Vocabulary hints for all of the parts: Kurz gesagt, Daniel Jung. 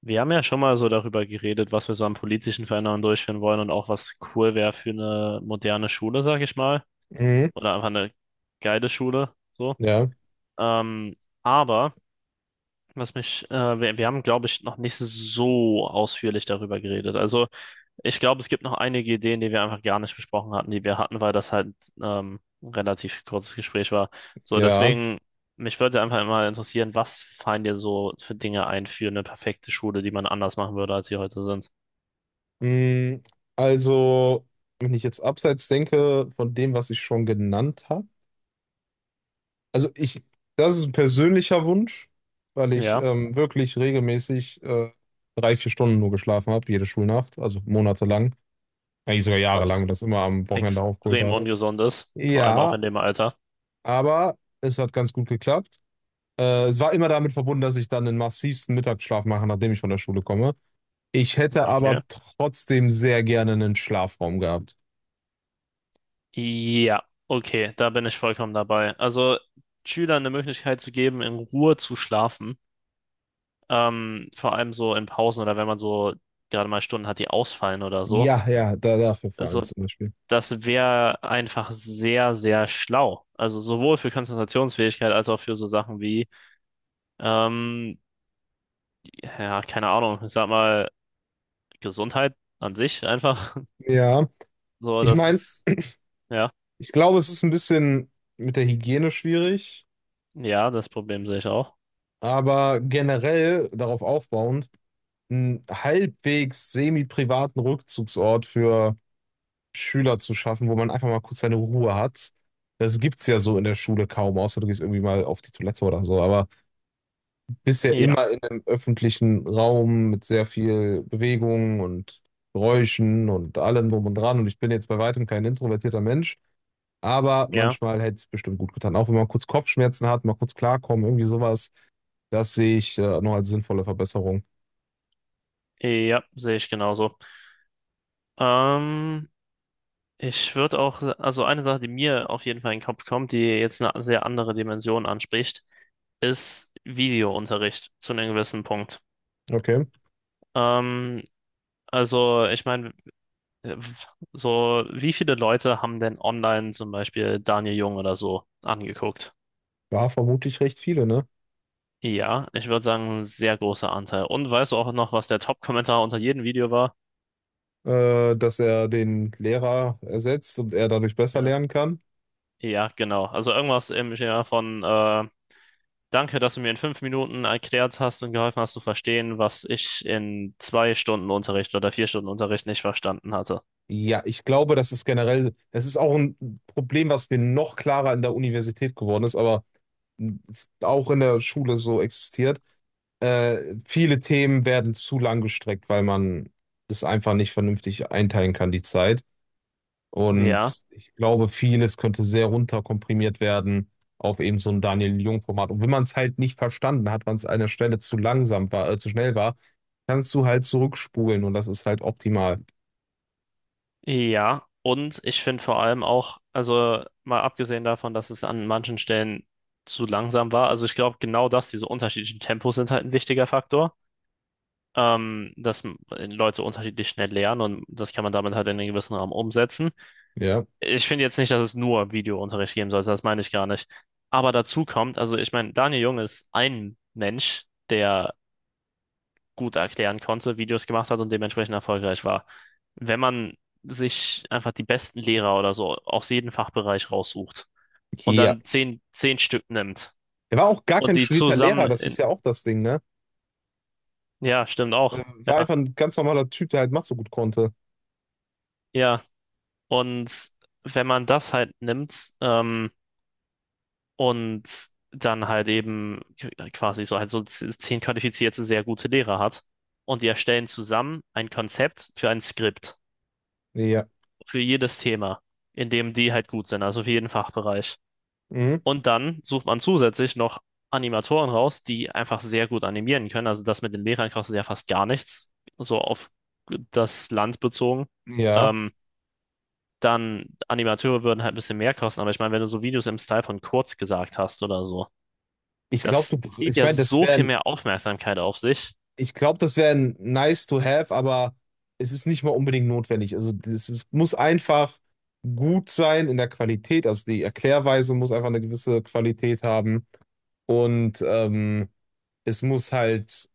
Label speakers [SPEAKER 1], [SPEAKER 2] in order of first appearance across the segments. [SPEAKER 1] Wir haben ja schon mal so darüber geredet, was wir so an politischen Veränderungen durchführen wollen und auch was cool wäre für eine moderne Schule, sag ich mal.
[SPEAKER 2] Mhm.
[SPEAKER 1] Oder einfach eine geile Schule, so.
[SPEAKER 2] Ja,
[SPEAKER 1] Ähm, aber, was mich, wir haben, glaube ich, noch nicht so ausführlich darüber geredet. Also, ich glaube, es gibt noch einige Ideen, die wir einfach gar nicht besprochen hatten, die wir hatten, weil das halt ein relativ kurzes Gespräch war. So,
[SPEAKER 2] ja.
[SPEAKER 1] deswegen, mich würde einfach mal interessieren, was fallen dir so für Dinge ein für eine perfekte Schule, die man anders machen würde, als sie heute sind?
[SPEAKER 2] Mhm. Also, wenn ich jetzt abseits denke von dem, was ich schon genannt habe, also ich, das ist ein persönlicher Wunsch, weil ich
[SPEAKER 1] Ja,
[SPEAKER 2] wirklich regelmäßig 3, 4 Stunden nur geschlafen habe, jede Schulnacht, also monatelang, eigentlich sogar jahrelang und
[SPEAKER 1] was
[SPEAKER 2] das immer am Wochenende aufgeholt
[SPEAKER 1] extrem
[SPEAKER 2] habe.
[SPEAKER 1] ungesund ist, vor allem auch
[SPEAKER 2] Ja,
[SPEAKER 1] in dem Alter.
[SPEAKER 2] aber es hat ganz gut geklappt. Es war immer damit verbunden, dass ich dann den massivsten Mittagsschlaf mache, nachdem ich von der Schule komme. Ich hätte aber
[SPEAKER 1] Okay.
[SPEAKER 2] trotzdem sehr gerne einen Schlafraum gehabt.
[SPEAKER 1] Ja, okay, da bin ich vollkommen dabei. Also Schülern eine Möglichkeit zu geben, in Ruhe zu schlafen, vor allem so in Pausen oder wenn man so gerade mal Stunden hat, die ausfallen oder so.
[SPEAKER 2] Ja, ja, dafür vor allem
[SPEAKER 1] Also
[SPEAKER 2] zum Beispiel.
[SPEAKER 1] das wäre einfach sehr, sehr schlau. Also sowohl für Konzentrationsfähigkeit als auch für so Sachen wie, ähm, ja, keine Ahnung, ich sag mal, Gesundheit an sich einfach.
[SPEAKER 2] Ja,
[SPEAKER 1] So,
[SPEAKER 2] ich meine,
[SPEAKER 1] das ja.
[SPEAKER 2] ich glaube, es ist ein bisschen mit der Hygiene schwierig,
[SPEAKER 1] Ja, das Problem sehe ich auch.
[SPEAKER 2] aber generell darauf aufbauend, einen halbwegs semi-privaten Rückzugsort für Schüler zu schaffen, wo man einfach mal kurz seine Ruhe hat. Das gibt's ja so in der Schule kaum, außer du gehst irgendwie mal auf die Toilette oder so, aber bist ja
[SPEAKER 1] Ja,
[SPEAKER 2] immer in einem öffentlichen Raum mit sehr viel Bewegung und Geräuschen und allem drum und dran. Und ich bin jetzt bei weitem kein introvertierter Mensch, aber
[SPEAKER 1] ja,
[SPEAKER 2] manchmal hätte es bestimmt gut getan. Auch wenn man kurz Kopfschmerzen hat, mal kurz klarkommen, irgendwie sowas, das sehe ich noch als sinnvolle Verbesserung.
[SPEAKER 1] ja, sehe ich genauso. Ähm, ich würde auch, also eine Sache, die mir auf jeden Fall in den Kopf kommt, die jetzt eine sehr andere Dimension anspricht, ist Videounterricht zu einem gewissen Punkt.
[SPEAKER 2] Okay.
[SPEAKER 1] Ähm, also ich meine, äh, so wie viele Leute haben denn online zum Beispiel Daniel Jung oder so angeguckt?
[SPEAKER 2] War vermutlich recht viele, ne?
[SPEAKER 1] Ja, ich würde sagen, ein sehr großer Anteil. Und weißt du auch noch, was der Top-Kommentar unter jedem Video war?
[SPEAKER 2] Dass er den Lehrer ersetzt und er dadurch besser
[SPEAKER 1] Ja.
[SPEAKER 2] lernen kann.
[SPEAKER 1] Ja, genau. Also irgendwas im Schema von Danke, dass du mir in fünf Minuten erklärt hast und geholfen hast zu verstehen, was ich in zwei Stunden Unterricht oder vier Stunden Unterricht nicht verstanden hatte.
[SPEAKER 2] Ja, ich glaube, das ist auch ein Problem, was mir noch klarer in der Universität geworden ist, aber auch in der Schule so existiert. Viele Themen werden zu lang gestreckt, weil man das einfach nicht vernünftig einteilen kann, die Zeit.
[SPEAKER 1] Ja,
[SPEAKER 2] Und ich glaube, vieles könnte sehr runterkomprimiert werden auf eben so ein Daniel-Jung-Format. Und wenn man es halt nicht verstanden hat, weil es an der Stelle zu langsam war, zu schnell war, kannst du halt zurückspulen und das ist halt optimal.
[SPEAKER 1] ja. Und ich finde vor allem auch, also mal abgesehen davon, dass es an manchen Stellen zu langsam war, also ich glaube genau das, diese unterschiedlichen Tempos sind halt ein wichtiger Faktor, dass Leute unterschiedlich schnell lernen und das kann man damit halt in einem gewissen Rahmen umsetzen.
[SPEAKER 2] Ja.
[SPEAKER 1] Ich finde jetzt nicht, dass es nur Videounterricht geben sollte, das meine ich gar nicht. Aber dazu kommt, also ich meine, Daniel Jung ist ein Mensch, der gut erklären konnte, Videos gemacht hat und dementsprechend erfolgreich war. Wenn man sich einfach die besten Lehrer oder so aus jedem Fachbereich raussucht und
[SPEAKER 2] Ja.
[SPEAKER 1] dann zehn, Stück nimmt
[SPEAKER 2] Er war auch gar
[SPEAKER 1] und
[SPEAKER 2] kein
[SPEAKER 1] die
[SPEAKER 2] studierter
[SPEAKER 1] zusammen,
[SPEAKER 2] Lehrer, das ist ja auch das Ding, ne?
[SPEAKER 1] ja, stimmt
[SPEAKER 2] Er
[SPEAKER 1] auch,
[SPEAKER 2] war
[SPEAKER 1] ja,
[SPEAKER 2] einfach ein ganz normaler Typ, der halt Mathe so gut konnte.
[SPEAKER 1] ja. Und wenn man das halt nimmt, und dann halt eben quasi so halt so zehn qualifizierte, sehr gute Lehrer hat. Und die erstellen zusammen ein Konzept für ein Skript,
[SPEAKER 2] Ja.
[SPEAKER 1] für jedes Thema, in dem die halt gut sind, also für jeden Fachbereich.
[SPEAKER 2] Mhm.
[SPEAKER 1] Und dann sucht man zusätzlich noch Animatoren raus, die einfach sehr gut animieren können. Also das mit den Lehrern kostet ja fast gar nichts, so auf das Land bezogen.
[SPEAKER 2] Ja,
[SPEAKER 1] Ähm, dann Animateure würden halt ein bisschen mehr kosten, aber ich meine, wenn du so Videos im Style von Kurz gesagt hast oder so,
[SPEAKER 2] ich glaube,
[SPEAKER 1] das zieht
[SPEAKER 2] ich
[SPEAKER 1] ja
[SPEAKER 2] meine, das
[SPEAKER 1] so viel
[SPEAKER 2] wäre,
[SPEAKER 1] mehr Aufmerksamkeit auf sich.
[SPEAKER 2] ich glaube, das wäre nice to have, aber es ist nicht mal unbedingt notwendig. Also es muss einfach gut sein in der Qualität. Also die Erklärweise muss einfach eine gewisse Qualität haben und es muss halt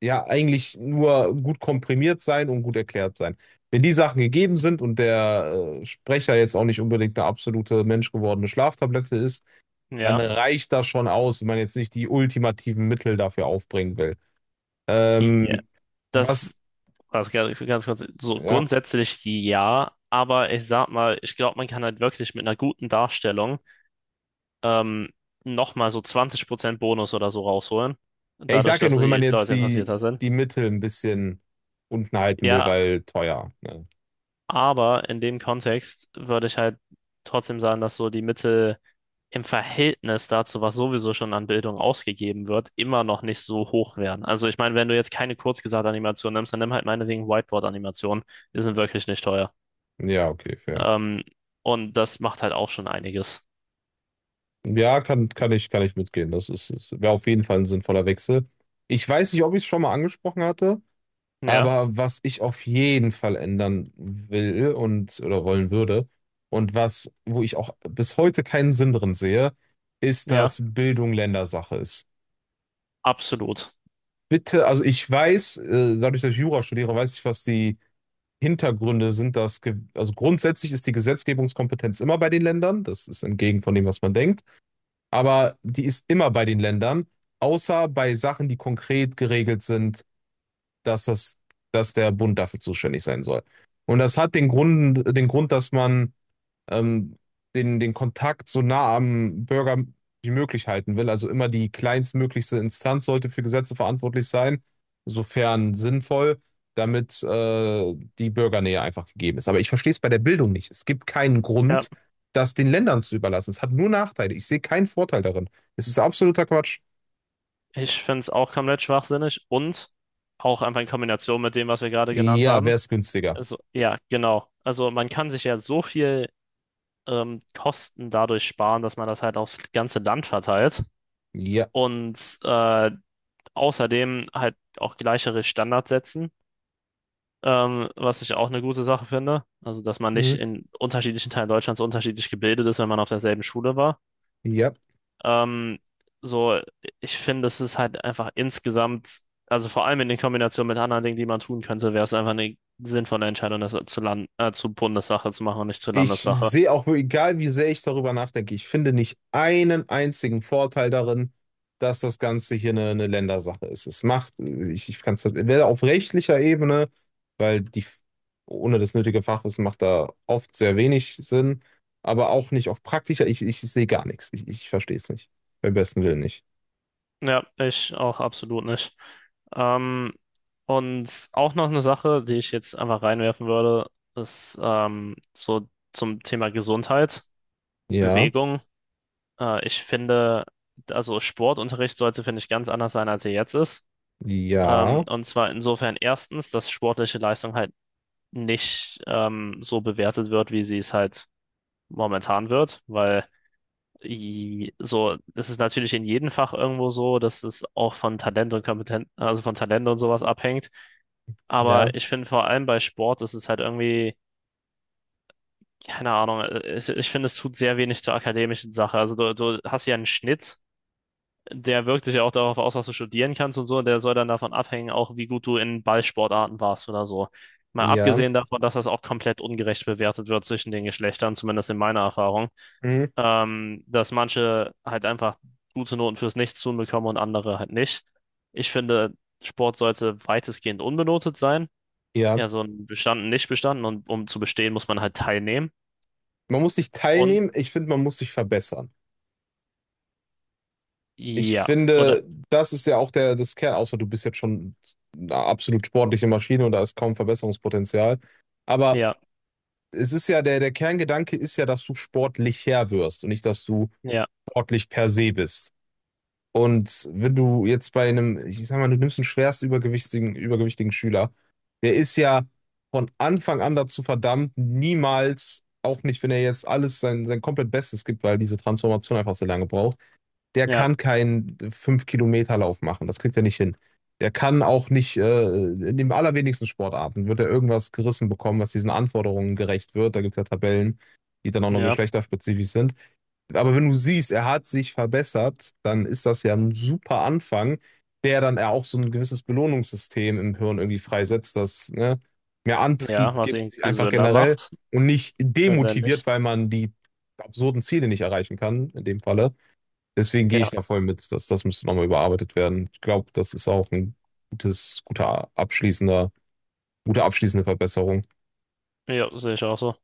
[SPEAKER 2] ja eigentlich nur gut komprimiert sein und gut erklärt sein. Wenn die Sachen gegeben sind und der Sprecher jetzt auch nicht unbedingt eine absolute menschgewordene Schlaftablette ist, dann
[SPEAKER 1] Ja.
[SPEAKER 2] reicht das schon aus, wenn man jetzt nicht die ultimativen Mittel dafür aufbringen will.
[SPEAKER 1] Ja,
[SPEAKER 2] Ähm, was,
[SPEAKER 1] das also ganz, ganz kurz. So
[SPEAKER 2] ja.
[SPEAKER 1] grundsätzlich ja, aber ich sag mal, ich glaube, man kann halt wirklich mit einer guten Darstellung ähm, nochmal so 20% Bonus oder so rausholen.
[SPEAKER 2] Ja, ich
[SPEAKER 1] Dadurch,
[SPEAKER 2] sage ja
[SPEAKER 1] dass
[SPEAKER 2] nur, wenn man
[SPEAKER 1] die
[SPEAKER 2] jetzt
[SPEAKER 1] Leute
[SPEAKER 2] die,
[SPEAKER 1] interessierter sind.
[SPEAKER 2] die Mittel ein bisschen unten halten will,
[SPEAKER 1] Ja,
[SPEAKER 2] weil teuer. Ne?
[SPEAKER 1] aber in dem Kontext würde ich halt trotzdem sagen, dass so die Mittel im Verhältnis dazu, was sowieso schon an Bildung ausgegeben wird, immer noch nicht so hoch wären. Also ich meine, wenn du jetzt keine Kurzgesagt-Animation nimmst, dann nimm halt meinetwegen Whiteboard-Animationen. Die sind wirklich nicht teuer.
[SPEAKER 2] Ja, okay, fair.
[SPEAKER 1] Ähm, und das macht halt auch schon einiges.
[SPEAKER 2] Ja, kann ich mitgehen. Das ist, ist wäre auf jeden Fall ein sinnvoller Wechsel. Ich weiß nicht, ob ich es schon mal angesprochen hatte.
[SPEAKER 1] Ja,
[SPEAKER 2] Aber was ich auf jeden Fall ändern will und oder wollen würde und was, wo ich auch bis heute keinen Sinn drin sehe, ist,
[SPEAKER 1] ja,
[SPEAKER 2] dass Bildung Ländersache ist.
[SPEAKER 1] absolut.
[SPEAKER 2] Bitte, also ich weiß, dadurch, dass ich Jura studiere, weiß ich, was die Hintergründe sind, also grundsätzlich ist die Gesetzgebungskompetenz immer bei den Ländern, das ist entgegen von dem, was man denkt, aber die ist immer bei den Ländern, außer bei Sachen, die konkret geregelt sind, dass das, dass der Bund dafür zuständig sein soll. Und das hat den Grund, dass man ähm, den Kontakt so nah am Bürger wie möglich halten will. Also immer die kleinstmöglichste Instanz sollte für Gesetze verantwortlich sein, sofern sinnvoll, damit die Bürgernähe einfach gegeben ist. Aber ich verstehe es bei der Bildung nicht. Es gibt keinen
[SPEAKER 1] Ja,
[SPEAKER 2] Grund, das den Ländern zu überlassen. Es hat nur Nachteile. Ich sehe keinen Vorteil darin. Es ist absoluter Quatsch.
[SPEAKER 1] ich finde es auch komplett schwachsinnig und auch einfach in Kombination mit dem, was wir gerade genannt
[SPEAKER 2] Ja, wäre
[SPEAKER 1] haben.
[SPEAKER 2] es günstiger.
[SPEAKER 1] Also, ja, genau. Also man kann sich ja so viel Kosten dadurch sparen, dass man das halt aufs ganze Land verteilt
[SPEAKER 2] Ja.
[SPEAKER 1] und äh, Außerdem halt auch gleichere Standards setzen, was ich auch eine gute Sache finde. Also, dass man nicht
[SPEAKER 2] Mhm.
[SPEAKER 1] in unterschiedlichen Teilen Deutschlands unterschiedlich gebildet ist, wenn man auf derselben Schule war.
[SPEAKER 2] Ja.
[SPEAKER 1] Ähm, so, ich finde, es ist halt einfach insgesamt, also vor allem in Kombination mit anderen Dingen, die man tun könnte, wäre es einfach eine sinnvolle Entscheidung, das zu zu Bundessache zu machen und nicht zur
[SPEAKER 2] Ich
[SPEAKER 1] Landessache.
[SPEAKER 2] sehe auch, egal wie sehr ich darüber nachdenke, ich finde nicht einen einzigen Vorteil darin, dass das Ganze hier eine Ländersache ist. Ich kann es weder auf rechtlicher Ebene, weil die ohne das nötige Fachwissen macht da oft sehr wenig Sinn, aber auch nicht auf praktischer, ich sehe gar nichts. Ich verstehe es nicht. Beim besten Willen nicht.
[SPEAKER 1] Ja, ich auch absolut nicht. Ähm, und auch noch eine Sache, die ich jetzt einfach reinwerfen würde, ist so zum Thema Gesundheit,
[SPEAKER 2] Ja,
[SPEAKER 1] Bewegung. Ich finde, also Sportunterricht sollte, finde ich, ganz anders sein, als er jetzt ist.
[SPEAKER 2] ja,
[SPEAKER 1] Und zwar insofern erstens, dass sportliche Leistung halt nicht so bewertet wird, wie sie es halt momentan wird, weil das ist natürlich in jedem Fach irgendwo so, dass es auch von Talent und sowas abhängt.
[SPEAKER 2] ja,
[SPEAKER 1] Aber ich finde vor allem bei Sport ist es halt irgendwie, keine Ahnung, ich finde, es tut sehr wenig zur akademischen Sache. Also du hast ja einen Schnitt, der wirkt sich ja auch darauf aus, was du studieren kannst und so, und der soll dann davon abhängen, auch wie gut du in Ballsportarten warst oder so. Mal
[SPEAKER 2] ja,
[SPEAKER 1] abgesehen davon, dass das auch komplett ungerecht bewertet wird zwischen den Geschlechtern, zumindest in meiner Erfahrung.
[SPEAKER 2] mm,
[SPEAKER 1] Dass manche halt einfach gute Noten fürs Nichtstun bekommen und andere halt nicht. Ich finde, Sport sollte weitestgehend unbenotet sein.
[SPEAKER 2] ja.
[SPEAKER 1] Ja, so ein bestanden, nicht bestanden und um zu bestehen, muss man halt teilnehmen.
[SPEAKER 2] Man muss nicht
[SPEAKER 1] Und
[SPEAKER 2] teilnehmen, ich finde, man muss sich verbessern. Ich
[SPEAKER 1] ja, oder
[SPEAKER 2] finde, das ist ja auch das Kern, außer du bist jetzt schon eine absolut sportliche Maschine und da ist kaum Verbesserungspotenzial. Aber
[SPEAKER 1] ja,
[SPEAKER 2] es ist ja, der Kerngedanke ist ja, dass du sportlicher wirst und nicht, dass du
[SPEAKER 1] ja,
[SPEAKER 2] sportlich per se bist. Und wenn du jetzt bei einem, ich sag mal, du nimmst einen schwerst übergewichtigen Schüler, der ist ja von Anfang an dazu verdammt, niemals, auch nicht, wenn er jetzt alles sein komplett Bestes gibt, weil diese Transformation einfach so lange braucht. Der
[SPEAKER 1] ja,
[SPEAKER 2] kann keinen 5 Kilometer Lauf machen. Das kriegt er nicht hin. Der kann auch nicht, in den allerwenigsten Sportarten wird er irgendwas gerissen bekommen, was diesen Anforderungen gerecht wird. Da gibt es ja Tabellen, die dann auch noch
[SPEAKER 1] ja,
[SPEAKER 2] geschlechterspezifisch sind. Aber wenn du siehst, er hat sich verbessert, dann ist das ja ein super Anfang, der dann ja auch so ein gewisses Belohnungssystem im Hirn irgendwie freisetzt, das, ne, mehr Antrieb
[SPEAKER 1] ja,
[SPEAKER 2] Ja.
[SPEAKER 1] was ihn
[SPEAKER 2] gibt, einfach
[SPEAKER 1] gesünder
[SPEAKER 2] generell
[SPEAKER 1] macht,
[SPEAKER 2] und nicht
[SPEAKER 1] letztendlich.
[SPEAKER 2] demotiviert, weil man die absurden Ziele nicht erreichen kann, in dem Falle. Deswegen gehe ich
[SPEAKER 1] Ja,
[SPEAKER 2] da voll mit, dass das müsste nochmal überarbeitet werden. Ich glaube, das ist auch ein gutes, guter abschließender, gute abschließende Verbesserung.
[SPEAKER 1] ja, sehe ich auch so.